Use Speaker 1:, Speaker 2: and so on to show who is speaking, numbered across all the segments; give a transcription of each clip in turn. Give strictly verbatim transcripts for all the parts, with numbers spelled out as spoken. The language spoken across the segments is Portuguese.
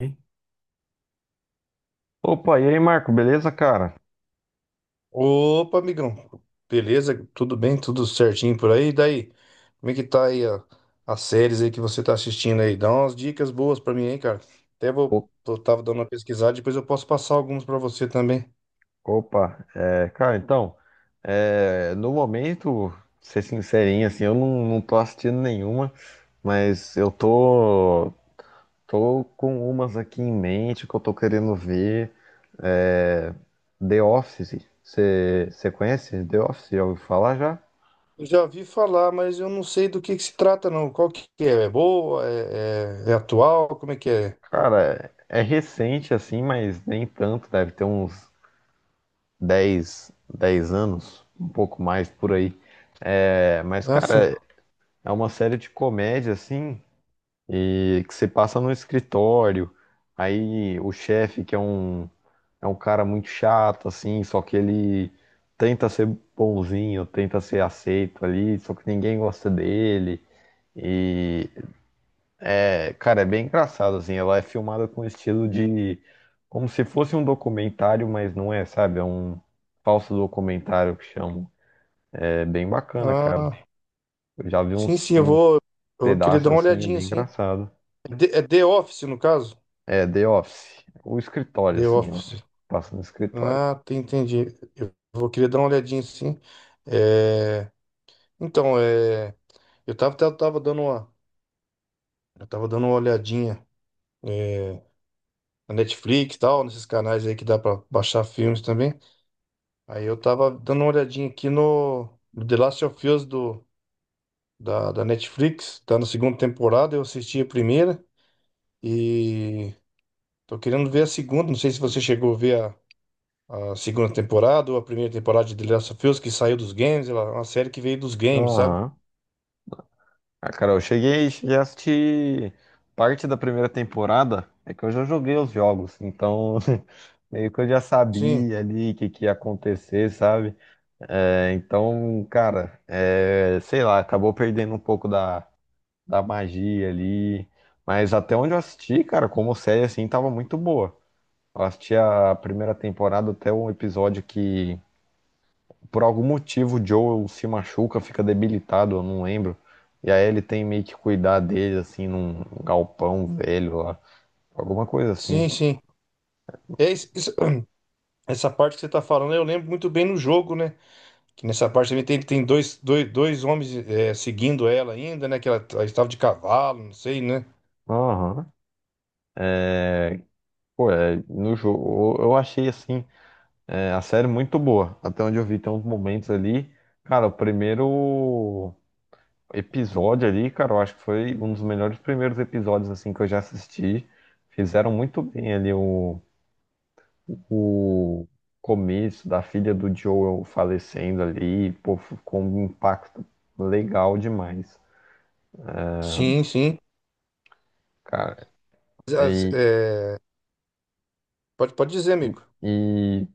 Speaker 1: Hein? Opa, e aí, Marco, beleza, cara?
Speaker 2: Opa, amigão. Beleza? Tudo bem? Tudo certinho por aí? E daí? Como é que tá aí a- as séries aí que você tá assistindo aí? Dá umas dicas boas pra mim aí, cara. Até vou,
Speaker 1: O-
Speaker 2: eu tava dando uma pesquisada, depois eu posso passar alguns pra você também.
Speaker 1: Opa, é, cara, então, é, no momento, pra ser sincerinho, assim, eu não, não tô assistindo nenhuma, mas eu tô, tô com umas aqui em mente que eu tô querendo ver. É, The Office, você conhece The Office? Já ouviu falar já?
Speaker 2: Eu já ouvi falar, mas eu não sei do que que se trata, não. Qual que é? É boa? É, é- é atual? Como é que é?
Speaker 1: Cara, é é recente assim, mas nem tanto, deve ter uns dez dez anos, um pouco mais por aí. É, mas,
Speaker 2: Ah, sim.
Speaker 1: cara, é uma série de comédia, assim, e que você passa no escritório, aí o chefe, que é um, é um cara muito chato, assim, só que ele tenta ser bonzinho, tenta ser aceito ali, só que ninguém gosta dele. E, é, cara, é bem engraçado, assim, ela é filmada com estilo de, como se fosse um documentário, mas não é, sabe? É um falso documentário que chamam. É bem bacana, cara.
Speaker 2: Ah,
Speaker 1: Eu já vi
Speaker 2: sim,
Speaker 1: uns,
Speaker 2: sim, eu
Speaker 1: uns
Speaker 2: vou, eu vou querer
Speaker 1: pedaços
Speaker 2: dar uma
Speaker 1: assim, é
Speaker 2: olhadinha,
Speaker 1: bem
Speaker 2: sim.
Speaker 1: engraçado.
Speaker 2: É The, é The Office, no caso?
Speaker 1: É, The Office. O escritório,
Speaker 2: The
Speaker 1: assim, ó.
Speaker 2: Office.
Speaker 1: Passa no escritório.
Speaker 2: Ah, te- entendi. Eu vou querer dar uma olhadinha sim. É, então, é... eu tava, eu tava dando uma... eu tava dando uma olhadinha é, na Netflix e tal, nesses canais aí que dá pra baixar filmes também. Aí eu tava dando uma olhadinha aqui no, no The Last of Us do... da... da Netflix, tá na segunda temporada, eu assisti a primeira e tô querendo ver a segunda. Não sei se você chegou a ver a a segunda temporada ou a primeira temporada de The Last of Us, que saiu dos games, ela é uma série que veio dos games, sabe?
Speaker 1: Aham. Ah, cara, eu cheguei, cheguei a assistir parte da primeira temporada. É que eu já joguei os jogos, então meio que eu já
Speaker 2: Sim,
Speaker 1: sabia ali o que, que ia acontecer, sabe? É, então, cara, é, sei lá, acabou perdendo um pouco da, da magia ali. Mas até onde eu assisti, cara, como série assim, tava muito boa. Eu assisti a primeira temporada até um episódio que, por algum motivo, o Joel se machuca, fica debilitado, eu não lembro. E aí ele tem meio que cuidar dele, assim, num galpão velho lá. Alguma coisa assim.
Speaker 2: sim, sim. É isso- isso- essa parte que você tá falando, eu lembro muito bem no jogo, né? Que nessa parte também tem, tem dois, dois, dois homens é, seguindo ela ainda, né? Que ela, ela estava de cavalo, não sei, né?
Speaker 1: Aham. Pô, é, no jogo, eu eu achei assim, é, a série muito boa. Até onde eu vi, tem uns momentos ali. Cara, o primeiro episódio ali, cara, eu acho que foi um dos melhores primeiros episódios assim que eu já assisti. Fizeram muito bem ali o, o começo da filha do Joel falecendo ali, pô, ficou um impacto legal demais,
Speaker 2: Sim, sim.
Speaker 1: cara.
Speaker 2: As-
Speaker 1: E,
Speaker 2: é, Pode, pode dizer, amigo.
Speaker 1: e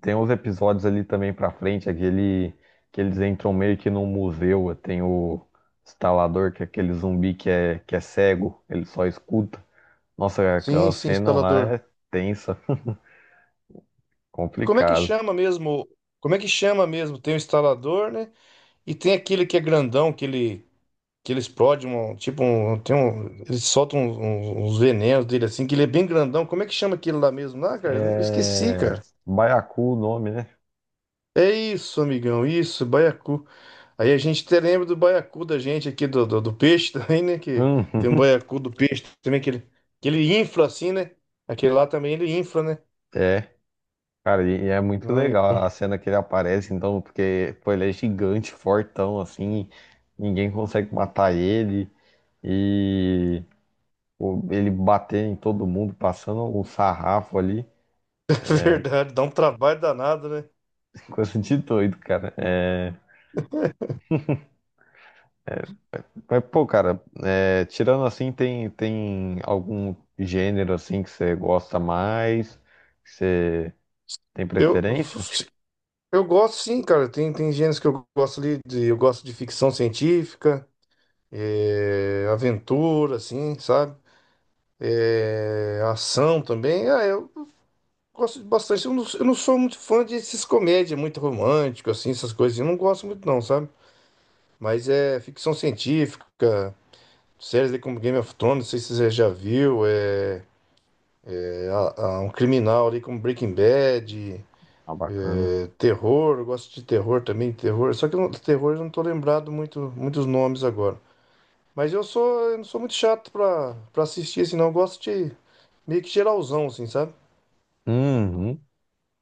Speaker 1: tem uns episódios ali também pra frente, aquele que eles entram meio que num museu, tem o instalador, que é aquele zumbi que é, que é cego, ele só escuta. Nossa, aquela
Speaker 2: Sim, sim,
Speaker 1: cena lá
Speaker 2: instalador.
Speaker 1: é tensa,
Speaker 2: E como é que
Speaker 1: complicado.
Speaker 2: chama mesmo? Como é que chama mesmo? Tem o instalador, né? E tem aquele que é grandão, que ele, que ele explode um. Tipo, um, tem um. Ele solta um- um- uns venenos dele assim, que ele é bem grandão. Como é que chama aquele lá mesmo? Ah, cara, eu esqueci, cara.
Speaker 1: É... Baiacu o nome, né?
Speaker 2: É isso, amigão, isso, baiacu. Aí a gente até lembra do baiacu da gente aqui, do, do, do peixe também, né? Que tem um
Speaker 1: Hum.
Speaker 2: baiacu do peixe também, que ele, que ele infla assim, né? Aquele lá também ele infla, né?
Speaker 1: É. Cara, e e é muito
Speaker 2: Não,
Speaker 1: legal
Speaker 2: então.
Speaker 1: a cena que ele aparece, então, porque, pô, ele é gigante, fortão, assim, ninguém consegue matar ele, e pô, ele bater em todo mundo, passando um sarrafo ali,
Speaker 2: Verdade, dá um trabalho danado, né?
Speaker 1: coisa de doido, cara. É, mas, pô, cara, é, tirando assim, tem, tem algum gênero, assim, que você gosta mais, que você tem
Speaker 2: Eu,
Speaker 1: preferência?
Speaker 2: eu gosto sim, cara. Tem, tem gêneros que eu gosto ali, de, eu gosto de ficção científica. É, aventura, assim, sabe? É, ação também. Ah, eu gosto de bastante. Eu não, eu não sou muito fã desses comédia, muito romântico, assim, essas coisas. Eu não gosto muito, não, sabe? Mas é ficção científica, séries ali como Game of Thrones, não sei se você já viu, é, é, a- a- um criminal ali como Breaking Bad,
Speaker 1: Ah, bacana.
Speaker 2: é, terror, eu gosto de terror também, terror. Só que eu não- terror eu não tô lembrado muito, muitos nomes agora. Mas eu sou, eu não sou muito chato pra, pra assistir, assim, não. Eu gosto de meio que geralzão, assim, sabe?
Speaker 1: Uhum.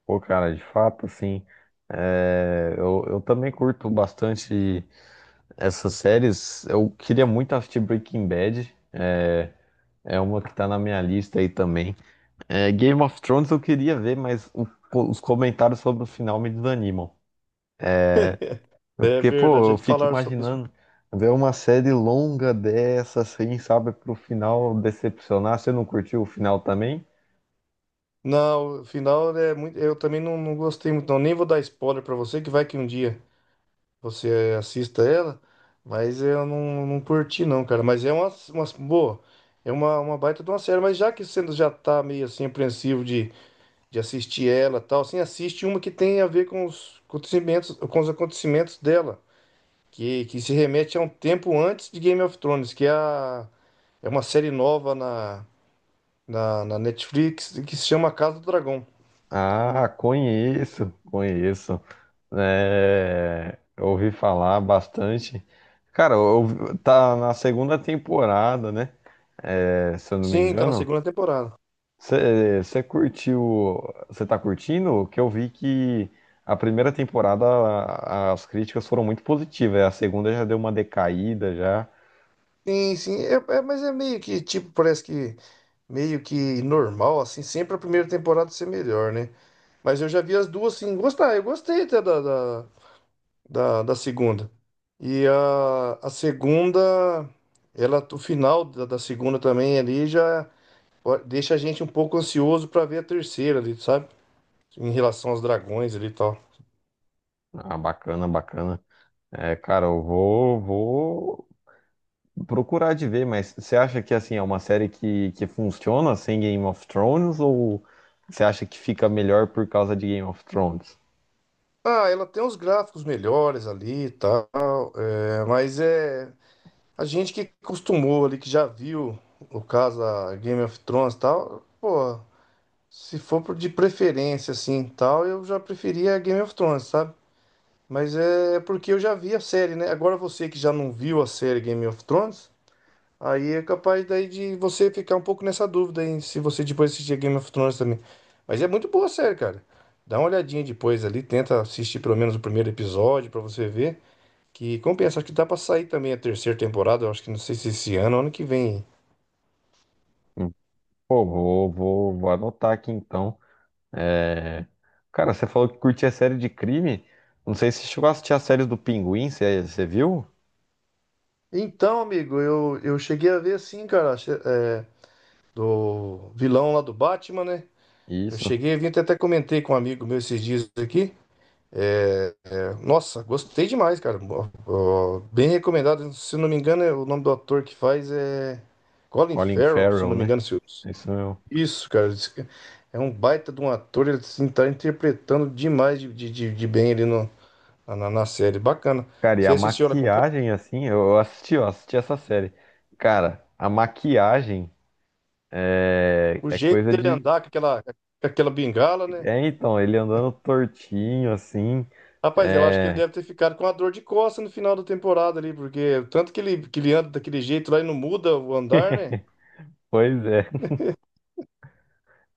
Speaker 1: Pô, cara, de fato, assim, é, eu, eu também curto bastante essas séries. Eu queria muito assistir Breaking Bad, é, é uma que tá na minha lista aí também. É, Game of Thrones eu queria ver, mas o- os comentários sobre o final me desanimam. Eu-
Speaker 2: É
Speaker 1: Porque, pô,
Speaker 2: verdade,
Speaker 1: eu
Speaker 2: de
Speaker 1: fico
Speaker 2: falar sobre isso.
Speaker 1: imaginando ver uma série longa dessa, assim, sabe, pro final decepcionar. Você não curtiu o final também?
Speaker 2: Não, o final é muito. Eu também não, não gostei muito, não. Nem vou dar spoiler pra você, que vai que um dia você eh, assista ela, mas eu não, não curti, não, cara. Mas é uma, uma boa, é uma, uma baita de uma série. Mas já que você já tá meio assim, apreensivo de, de assistir ela e tal, assim, assiste uma que tem a ver com os acontecimentos, com os acontecimentos dela. que, que se remete a um tempo antes de Game of Thrones, que é, a- é uma série nova na, na, na Netflix que se chama Casa do Dragão.
Speaker 1: Ah, conheço, conheço. É, ouvi falar bastante. Cara, eu- tá na segunda temporada, né? É, se eu não me
Speaker 2: Sim, tá na
Speaker 1: engano.
Speaker 2: segunda temporada.
Speaker 1: Você curtiu? Você tá curtindo? Que eu vi que a primeira temporada a- as críticas foram muito positivas. A segunda já deu uma decaída já.
Speaker 2: Sim, sim, é, é- mas é meio que, tipo, parece que meio que normal, assim, sempre a primeira temporada ser melhor, né? Mas eu já vi as duas, assim, gostar, eu gostei até da, da, da, da segunda. E a, a segunda, ela, o final da, da segunda também ali já. Po- deixa a gente um pouco ansioso pra ver a terceira ali, sabe? Em relação aos dragões ali e tal.
Speaker 1: Ah, bacana, bacana. É, cara, eu vou, vou procurar de ver, mas você acha que assim é uma série que, que funciona sem Game of Thrones ou você acha que fica melhor por causa de Game of Thrones?
Speaker 2: Ah, ela tem uns gráficos melhores ali e tal, é, mas é a gente que acostumou ali, que já viu o caso a Game of Thrones e tal, pô, se for por- de preferência assim e tal, eu já preferia a Game of Thrones, sabe? Mas é porque eu já vi a série, né? Agora você que já não viu a série Game of Thrones, aí é capaz daí de você ficar um pouco nessa dúvida, hein? Se você depois assistir Game of Thrones também. Mas é muito boa a série, cara. Dá uma olhadinha depois ali, tenta assistir pelo menos o primeiro episódio pra você ver que compensa. Acho que dá pra sair também a terceira temporada, eu acho que não sei se esse ano, ou ano que vem.
Speaker 1: Hum. Pô, vou, vou, vou anotar aqui então. É, cara, você falou que curtia série de crime. Não sei se você chegou a assistir as séries do Pinguim, você, você viu?
Speaker 2: Então, amigo, eu, eu cheguei a ver assim, cara, che- é, do vilão lá do Batman, né? Eu
Speaker 1: Isso,
Speaker 2: cheguei a ver até até comentei com um amigo meu esses dias aqui. É, é, nossa, gostei demais, cara. Ó, ó, bem recomendado. Se não me engano, é- o nome do ator que faz é Colin
Speaker 1: Colin
Speaker 2: Farrell, se
Speaker 1: Farrell,
Speaker 2: não me
Speaker 1: né?
Speaker 2: engano. Se eu-
Speaker 1: Isso mesmo.
Speaker 2: Isso, cara. Esse ca- É um baita de um ator. Ele assim, tá interpretando demais de, de, de- de bem ali no, na, na- na série. Bacana.
Speaker 1: Cara, e
Speaker 2: Você
Speaker 1: a
Speaker 2: assistiu ela completa?
Speaker 1: maquiagem, assim, eu eu assisti, eu assisti essa série. Cara, a maquiagem é
Speaker 2: O
Speaker 1: é
Speaker 2: jeito
Speaker 1: coisa
Speaker 2: dele
Speaker 1: de...
Speaker 2: andar com aquela, com aquela bengala, né?
Speaker 1: É, então, ele andando tortinho, assim.
Speaker 2: Rapaz, eu acho que ele
Speaker 1: É,
Speaker 2: deve ter ficado com a dor de costa no final da temporada ali, porque tanto que ele, que ele anda daquele jeito lá e não muda o andar, né?
Speaker 1: pois é,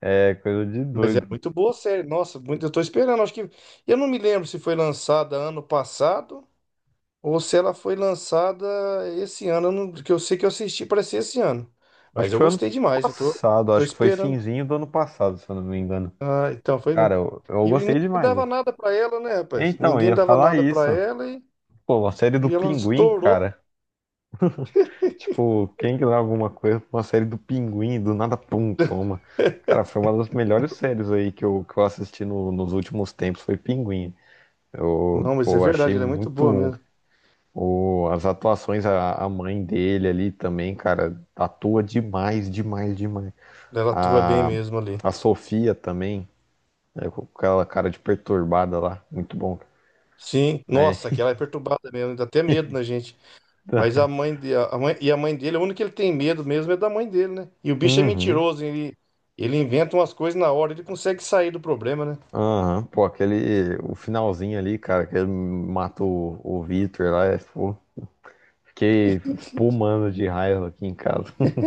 Speaker 1: é coisa de
Speaker 2: Mas é
Speaker 1: doido.
Speaker 2: muito boa a série. Nossa, muito, eu tô esperando. Acho que. Eu não me lembro se foi lançada ano passado ou se ela foi lançada esse ano. Eu não- Que eu sei que eu assisti, parece esse ano.
Speaker 1: Acho
Speaker 2: Mas
Speaker 1: que
Speaker 2: eu
Speaker 1: foi ano
Speaker 2: gostei demais. Eu tô,
Speaker 1: passado,
Speaker 2: tô
Speaker 1: acho que foi
Speaker 2: esperando.
Speaker 1: finzinho do ano passado, se eu não me engano.
Speaker 2: Ah, então foi.
Speaker 1: Cara, eu, eu
Speaker 2: E ninguém
Speaker 1: gostei demais
Speaker 2: dava
Speaker 1: assim.
Speaker 2: nada pra ela, né, rapaz?
Speaker 1: Então, eu
Speaker 2: Ninguém
Speaker 1: ia
Speaker 2: dava
Speaker 1: falar
Speaker 2: nada pra
Speaker 1: isso.
Speaker 2: ela e,
Speaker 1: Pô, a série do
Speaker 2: e ela
Speaker 1: Pinguim,
Speaker 2: estourou.
Speaker 1: cara. Tipo, quem que dá alguma coisa pra uma série do Pinguim, do nada, pum, toma. Cara, foi uma das melhores séries aí que eu, que eu assisti no- nos últimos tempos, foi Pinguim. Eu,
Speaker 2: Não, mas é
Speaker 1: pô, achei
Speaker 2: verdade, ela é muito boa
Speaker 1: muito...
Speaker 2: mesmo.
Speaker 1: O, as atuações, a, a mãe dele ali também, cara, atua demais, demais, demais.
Speaker 2: Ela atua bem
Speaker 1: A,
Speaker 2: mesmo ali.
Speaker 1: a Sofia também, né, com aquela cara de perturbada lá, muito bom.
Speaker 2: Sim, nossa,
Speaker 1: É.
Speaker 2: que ela é perturbada mesmo, dá até medo na gente. Mas a mãe de, a mãe, e a mãe dele, a única que ele tem medo mesmo é da mãe dele, né? E o bicho é
Speaker 1: Uhum.
Speaker 2: mentiroso, ele, ele inventa umas coisas na hora, ele consegue sair do problema, né?
Speaker 1: Aham, pô, aquele, o finalzinho ali, cara, que ele mata o, o Victor lá, é, pô, fiquei espumando de raiva aqui em casa.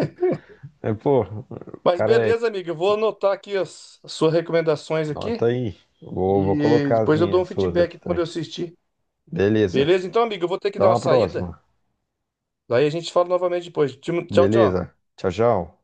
Speaker 1: É, pô, o
Speaker 2: Mas
Speaker 1: cara é...
Speaker 2: beleza, amigo, eu vou anotar aqui as, as suas recomendações
Speaker 1: Nota
Speaker 2: aqui
Speaker 1: aí, vou, vou
Speaker 2: e
Speaker 1: colocar as
Speaker 2: depois eu dou
Speaker 1: minhas
Speaker 2: um
Speaker 1: suas aqui
Speaker 2: feedback quando
Speaker 1: também.
Speaker 2: eu assistir.
Speaker 1: Beleza,
Speaker 2: Beleza? Então, amigo, eu vou ter que dar
Speaker 1: então
Speaker 2: uma
Speaker 1: a
Speaker 2: saída,
Speaker 1: próxima.
Speaker 2: daí a gente fala novamente depois. Tchau, tchau.
Speaker 1: Beleza? Tchau, tchau.